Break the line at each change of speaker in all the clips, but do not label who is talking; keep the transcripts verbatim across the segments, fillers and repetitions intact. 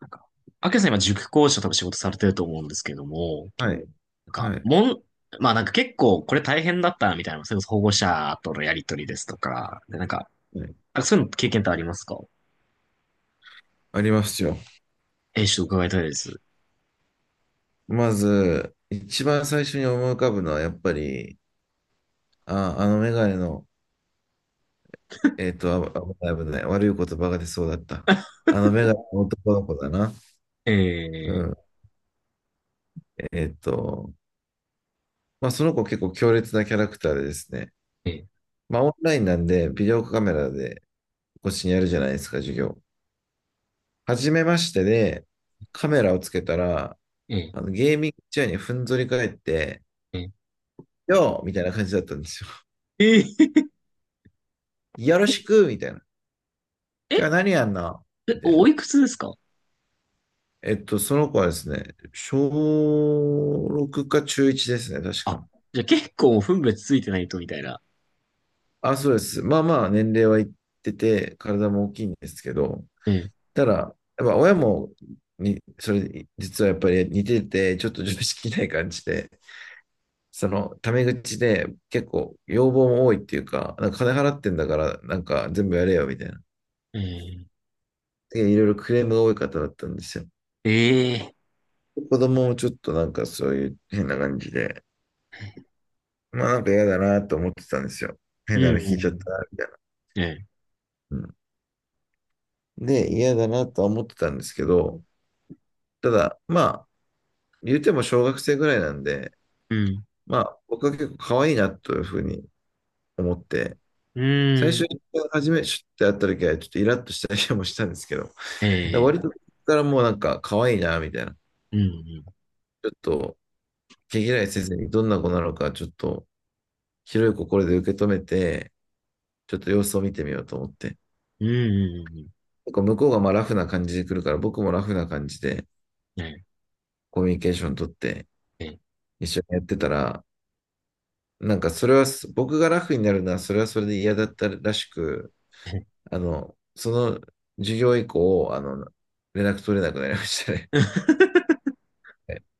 なんか、アキラさん今塾講師と多分仕事されてると思うんですけども、
はい。
なんか、
はい。
もん、まあ、なんか結構これ大変だったなみたいな、それこそ保護者とのやりとりですとか、でなんか、
はい、
あ、そういうの経験ってありますか？
ありますよ。
えー、ちょっと伺いたいです。
まず、一番最初に思い浮かぶのは、やっぱり、あ、あのメガネの、えっと、あ、危ない危ない。悪い言葉が出そうだった。あのメガネの男の子だな。う
え
ん。えっと、まあ、その子結構強烈なキャラクターでですね。
ー、えー、
まあ、オンラインなんで、ビデオカメラでこっちにやるじゃないですか、授業。初めましてで、カメラをつけたら、
え
あのゲーミングチェアにふんぞり返って、
ー、えー、
よーみたいな感じだったんですよ。
えー、
よろしくみたいな。
え、
今日は
え、
何やんなみたい
お
な。
いくつですか？
えっと、その子はですね、小ろくか中いちですね、確
あ、
か。
じゃあ結構分別ついてないとみたいな。
あ、そうです。まあまあ、年齢はいってて、体も大きいんですけど、
えー、
ただ、やっぱ親も、に、それ、実はやっぱり似てて、ちょっと常識ない感じで、その、タメ口で結構要望も多いっていうか、なんか金払ってんだから、なんか全部やれよ、みたいな。
え
でいろいろクレームが多い方だったんですよ。
ー、えー、
子供もちょっとなんかそういう変な感じで、まあなんか嫌だなと思ってたんですよ。
う
変
ん、
なの聞いちゃった
う
な、みたいな。
ん、え
うん、で、嫌だなとは思ってたんですけど、ただ、まあ、言うても小学生ぐらいなんで、
ー、
まあ、僕は結構可愛いなというふうに思って、
うん、
最
う
初、
ん、
初め、シュッて会った時はちょっとイラッとしたりもしたんですけど、だか
え
ら割と、
ー、
からもうなんか可愛いな、みたいな。
うん、
ちょっと、毛嫌いせずにどんな子なのか、ちょっと、広い心で受け止めて、ちょっと様子を見てみようと思って。
うん、うん、うん、
結構向こうがまあラフな感じで来るから、僕もラフな感じで、
うん、え
コミュニケーション取って
ー、えー、
一緒にやってたら、なんかそれはす僕がラフになるのはそれはそれで嫌だったらしく、
え
あの、その授業以降、あの、連絡取れなくなりましたね。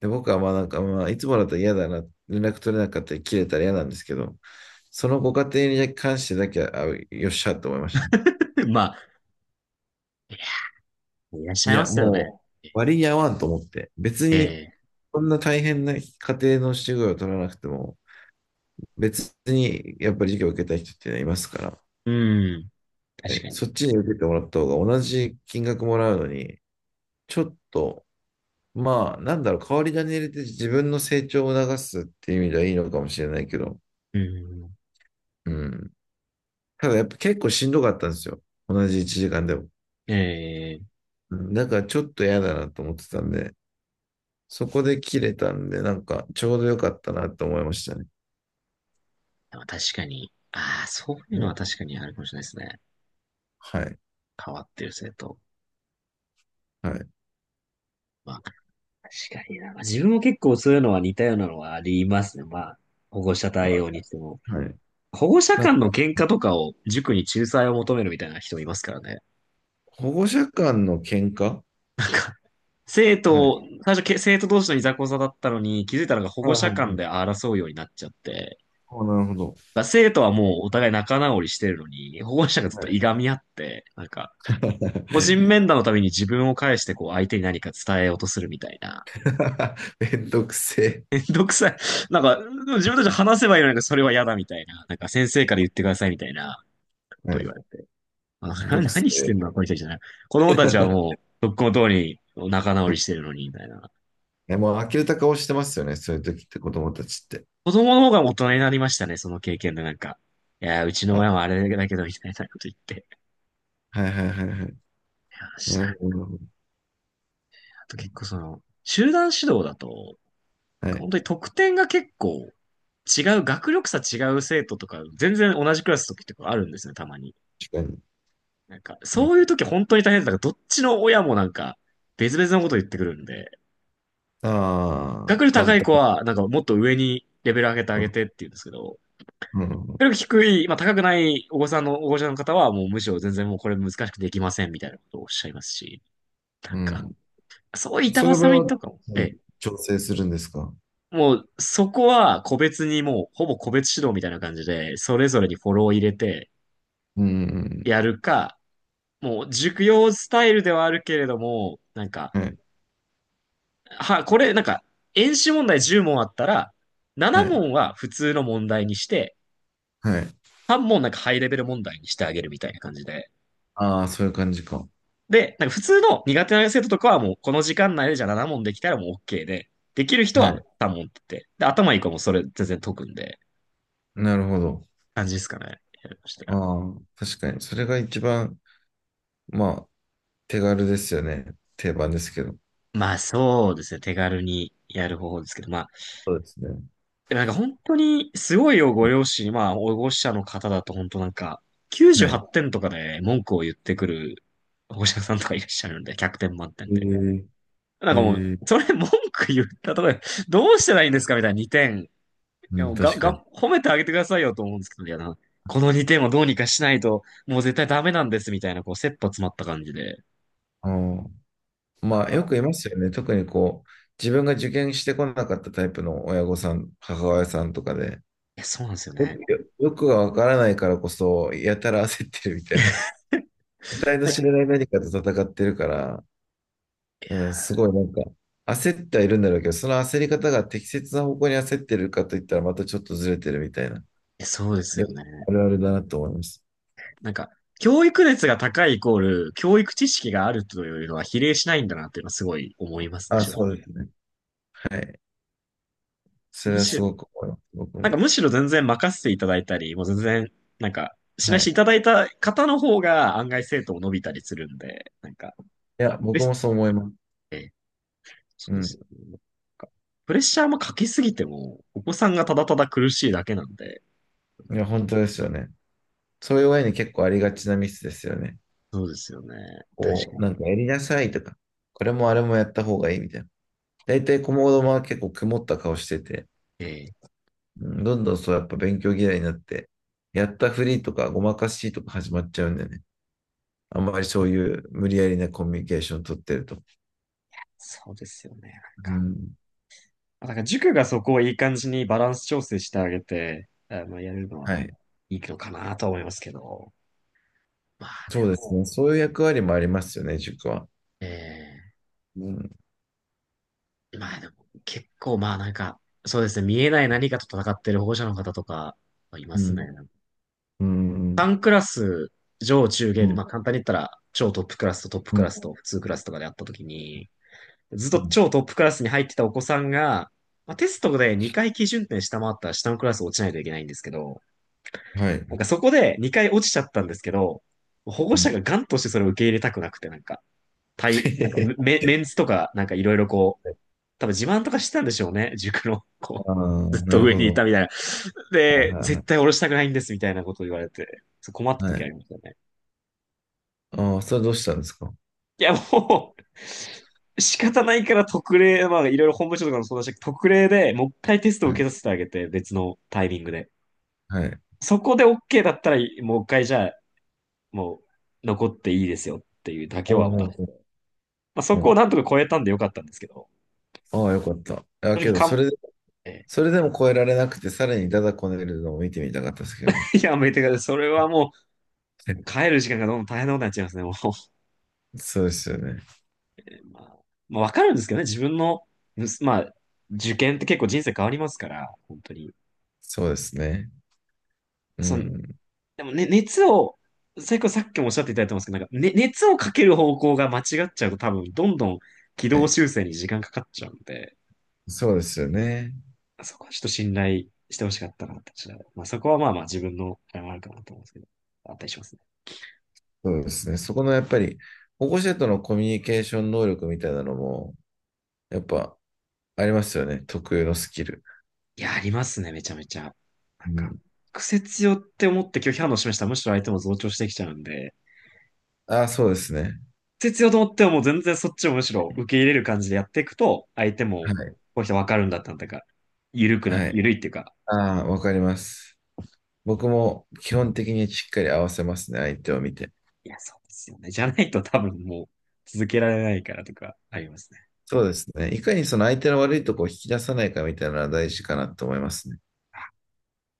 で、僕はまあなんか、まあいつもだったら嫌だな、連絡取れなかったり切れたら嫌なんですけど、そのご家庭に関してだけは、あ、よっしゃと思いましたね。
まあ、いらっしゃ
い
いま
や、
すよ
もう
ね。
割に合わんと思って、別
え
に、
え。
そんな大変な家庭の授業を取らなくても、別にやっぱり授業を受けたい人っていうのはいますから、
うん。確
え、
か
そっ
に。
ちに受けてもらった方が同じ金額もらうのに、ちょっと、まあ、なんだろう、代わり種入れて自分の成長を促すっていう意味ではいいのかもしれないけど、
うん。
うん。ただやっぱ結構しんどかったんですよ。同じいちじかんでも。
ええ。
うん、だからちょっと嫌だなと思ってたんで、そこで切れたんで、なんかちょうどよかったなと思いましたね。
でも確かに。ああ、そういう
も
のは
う、
確かにあるかもしれないですね。
はい。
変わってる生徒。
はい。
まあ、確かにな。まあ、自分も結構そういうのは似たようなのはありますね。まあ、保護者
あ、
対応にしても。
はい。
保護者
なん
間の
か
喧嘩とかを塾に仲裁を求めるみたいな人もいますからね。
保護者間の喧嘩は
生
い。はい
徒、最初け、生徒同士のいざこざだったのに、気づいたのが保
はい
護者間
は
で
い。
争うようになっちゃって、
お、なるほど。
だから生徒はもうお互い仲直りしてるのに、保護者がずっ
は
と
い。
いがみ合って、なんか、個人 面談のために自分を介してこう相手に何か伝えようとするみたいな。
めんどくせ
めんどくさい。なんか、でも自分たちで話せばいいのにそれは嫌だみたいな。なんか先生から言ってくださいみたいなこ
え。
と
は
を言わ
い、
れて。あ、
めん
な
どくせ
何し
え。
てんのこの人たちじゃない。子供たちはも う、とっくの通り仲直りしてるのに、みたいな。
ね、もう呆れた顔してますよね、そういう時って子供たちって。
子供の方が大人になりましたね、その経験でなんか。いやー、うちの
あ、
親はあれだけど、みたいなこと言って。
はいはいはいはい。
いや、し
な
な
る
いな。
ほど。
あと結構その、集団指導だと、
はい、
本当に得点が結構違う、学力差違う生徒とか、全然同じクラスの時とかあるんですね、たまに。
確かに。
なんか、
うん、
そういう時本当に大変だから、どっちの親もなんか、別々のこと言ってくるんで、
ああ、
学力
簡
高い子
単。
は、なんかもっと上にレベル上げてあ
う
げ
ん、
てって言うんですけど、
うん、
学力低い、まあ高くないお子さんの、お子ちゃんの方は、もうむしろ全然もうこれ難しくできませんみたいなことをおっしゃいますし、なんか、そういう板
そういう場
挟
合
み
は、
とかも、ええ、
調整するんですか。
もう、そこは個別にもう、ほぼ個別指導みたいな感じで、それぞれにフォローを入れて
うん、
やるか、もう、塾用スタイルではあるけれども、なんか、
うん、はい、
は、これ、なんか、演習問題じゅう問あったら、なな
はい、
問は普通の問題にして、
はい。
さん問なんかハイレベル問題にしてあげるみたいな感じで。
ああー、そういう感じか。
で、なんか普通の苦手な生徒とかはもう、この時間内でじゃあなな問できたらもう OK で、できる人
は
は
い、
さん問って言って、で、頭いい子もそれ全然解くんで、
なるほど。
感じですかね。やりました。
ああ、確かに。それが一番、まあ、手軽ですよね。定番ですけど。
まあ、そうですね。手軽にやる方法ですけど、まあ、
そうですね。
でもなんか本当にすごいよ、ご両親、まあ、保護者の方だと本当なんか、98
はい。
点とかで文句を言ってくる保護者さんとかいらっしゃるんで、ひゃくてん満点
え
で。
ー、
なん
え
かも
ー、
う、それ文句言ったとこで、どうしたらいいんですかみたいなにてん。い
う
や
ん、
もうが、
確かに。
が、褒めてあげてくださいよと思うんですけど、いやな、このにてんをどうにかしないと、もう絶対ダメなんですみたいな、こう、切羽詰まった感じで。い
あー、まあ、よくいますよね。特にこう、自分が受験してこなかったタイプの親御さん、母親さんとかで、
や、そうなんですよ
よ
ね。
く、よよくがわからないからこそ、やたら焦ってるみたいな。得体の知
い
れない何かと戦ってるから、うん、すごいなんか、焦ってはいるんだろうけど、その焦り方が適切な方向に焦ってるかといったら、またちょっとずれてるみたいな。
や、そうです
よ
よ
く
ね。
あるあるだなと思います。
なんか、教育熱が高いイコール、教育知識があるというのは比例しないんだなっていうのはすごい思いますね、
あ、
正
そ
直。
うですね。はい。それ
む
は
し
す
ろ、
ごく思います。僕
なん
も。
かむしろ全然任せていただいたり、もう全然、なんか、し
は
ないして
い。
いただいた方の方が案外生徒も伸びたりするんで、なんか、
いや、
で
僕もそう思います。
そ
う
うです
ん。
よね。なんかプレッシャーもかけすぎても、お子さんがただただ苦しいだけなんで、
いや、本当ですよね。そういう親に結構ありがちなミスですよね。
そうですよね。確
こ
か
う、
に。
なんかやりなさいとか、これもあれもやった方がいいみたいな。大体、子供は結構曇った顔してて、
ええ、
うん、どんどんそう、やっぱ勉強嫌いになって、やったふりとかごまかしとか始まっちゃうんだよね。あんまりそういう無理やりなコミュニケーション取ってると。
そうですよね。なん
う
か。
ん。
あ、だから塾がそこをいい感じにバランス調整してあげて、あの、やるの
は
は
い。
いいのかなと思いますけど。まあで
そうです
も、
ね。そういう役割もありますよね、塾は。
え
うん。
え、まあでも結構まあなんか、そうですね、見えない何かと戦ってる保護者の方とかいま
う
すね。
ん。う
さん
ん。
クラス、上中
う
下で、ま
ん。
あ簡単に言ったら超トップクラスとトップ
う
クラ
ん。
スと普通クラスとかであったときに、ずっ
う
と
ん、
超トップクラスに入ってたお子さんが、まあ、テストでにかい基準点下回ったら下のクラス落ちないといけないんですけど、
は
なん
い。
かそこでにかい落ちちゃったんですけど、保護
う
者
ん。
がガンとしてそれを受け入れたくなくて、なんか、対、なんか メ、メンツとか、なんかいろいろこう、多分自慢とかしてたんでしょうね。塾の、こ
ああ、
う、ずっ
な
と
る
上
ほ
にい
ど。
たみたいな。
はい
で、
はいは
絶
い。
対降ろしたくないんですみたいなことを言われて、そう困った
は
時あ
い、
りましたね。
ああ、それどうしたんですか。
いや、もう仕方ないから特例、まあいろいろ本部長とかもそうだし、特例でもう一回テストを
は
受
い。
けさせてあげて、別のタイミングで。
はい。
そこで OK だったら、もう一回じゃあもう残っていいですよっていうだ
お
け
う、
は、
お
ま
う、おう、
あ、そ
お
こを
う。
なんとか超えたんでよかったんですけど、
ああ、よかった。あ、
正
け
直
ど、
かん、
それ、
え
それでも超えられなくて、さらにダダこねるのを見てみたかったですけどね。
ーやめてください。それはもう帰 る時間がどんどん大変なことになっちゃいますね、もう。
そうですよね。
まあ、まあ、わかるんですけどね、自分の、まあ、受験って結構人生変わりますから、本当に。
そうですね。う
その、
ん。
でもね、熱を、最後さっきもおっしゃっていただいてますけど、なんか、ね、熱をかける方向が間違っちゃうと多分、どんどん軌
は
道
い、
修正に時間かかっちゃうんで、
そうですよね。
そこはちょっと信頼してほしかったなって私は。まあ、そこはまあまあ自分のあれもあるかなと思うんですけど、あったりしますね。
そうですね。そこのやっぱり、保護者とのコミュニケーション能力みたいなのも、やっぱありますよね。特有のスキル。
いや、ありますね、めちゃめちゃ。なん
う
か、
ん。
癖強って思って拒否反応示したらむしろ相手も増長してきちゃうんで、
ああ、そうですね。
癖強と思ってはもう全然そっちをむしろ受け入れる感じでやっていくと、相手
は
も
い。
こういう人わかるんだったんだか、緩くな、
はい。
緩いっていうか、
ああ、わかります。僕も基本的にしっかり合わせますね、相手を見て。
いや、そうですよね。じゃないと多分もう続けられないからとかありますね。
そうですね。いかにその相手の悪いとこを引き出さないかみたいなのは大事かなと思いますね。
あ、い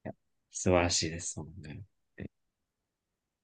や、素晴らしいですもんね。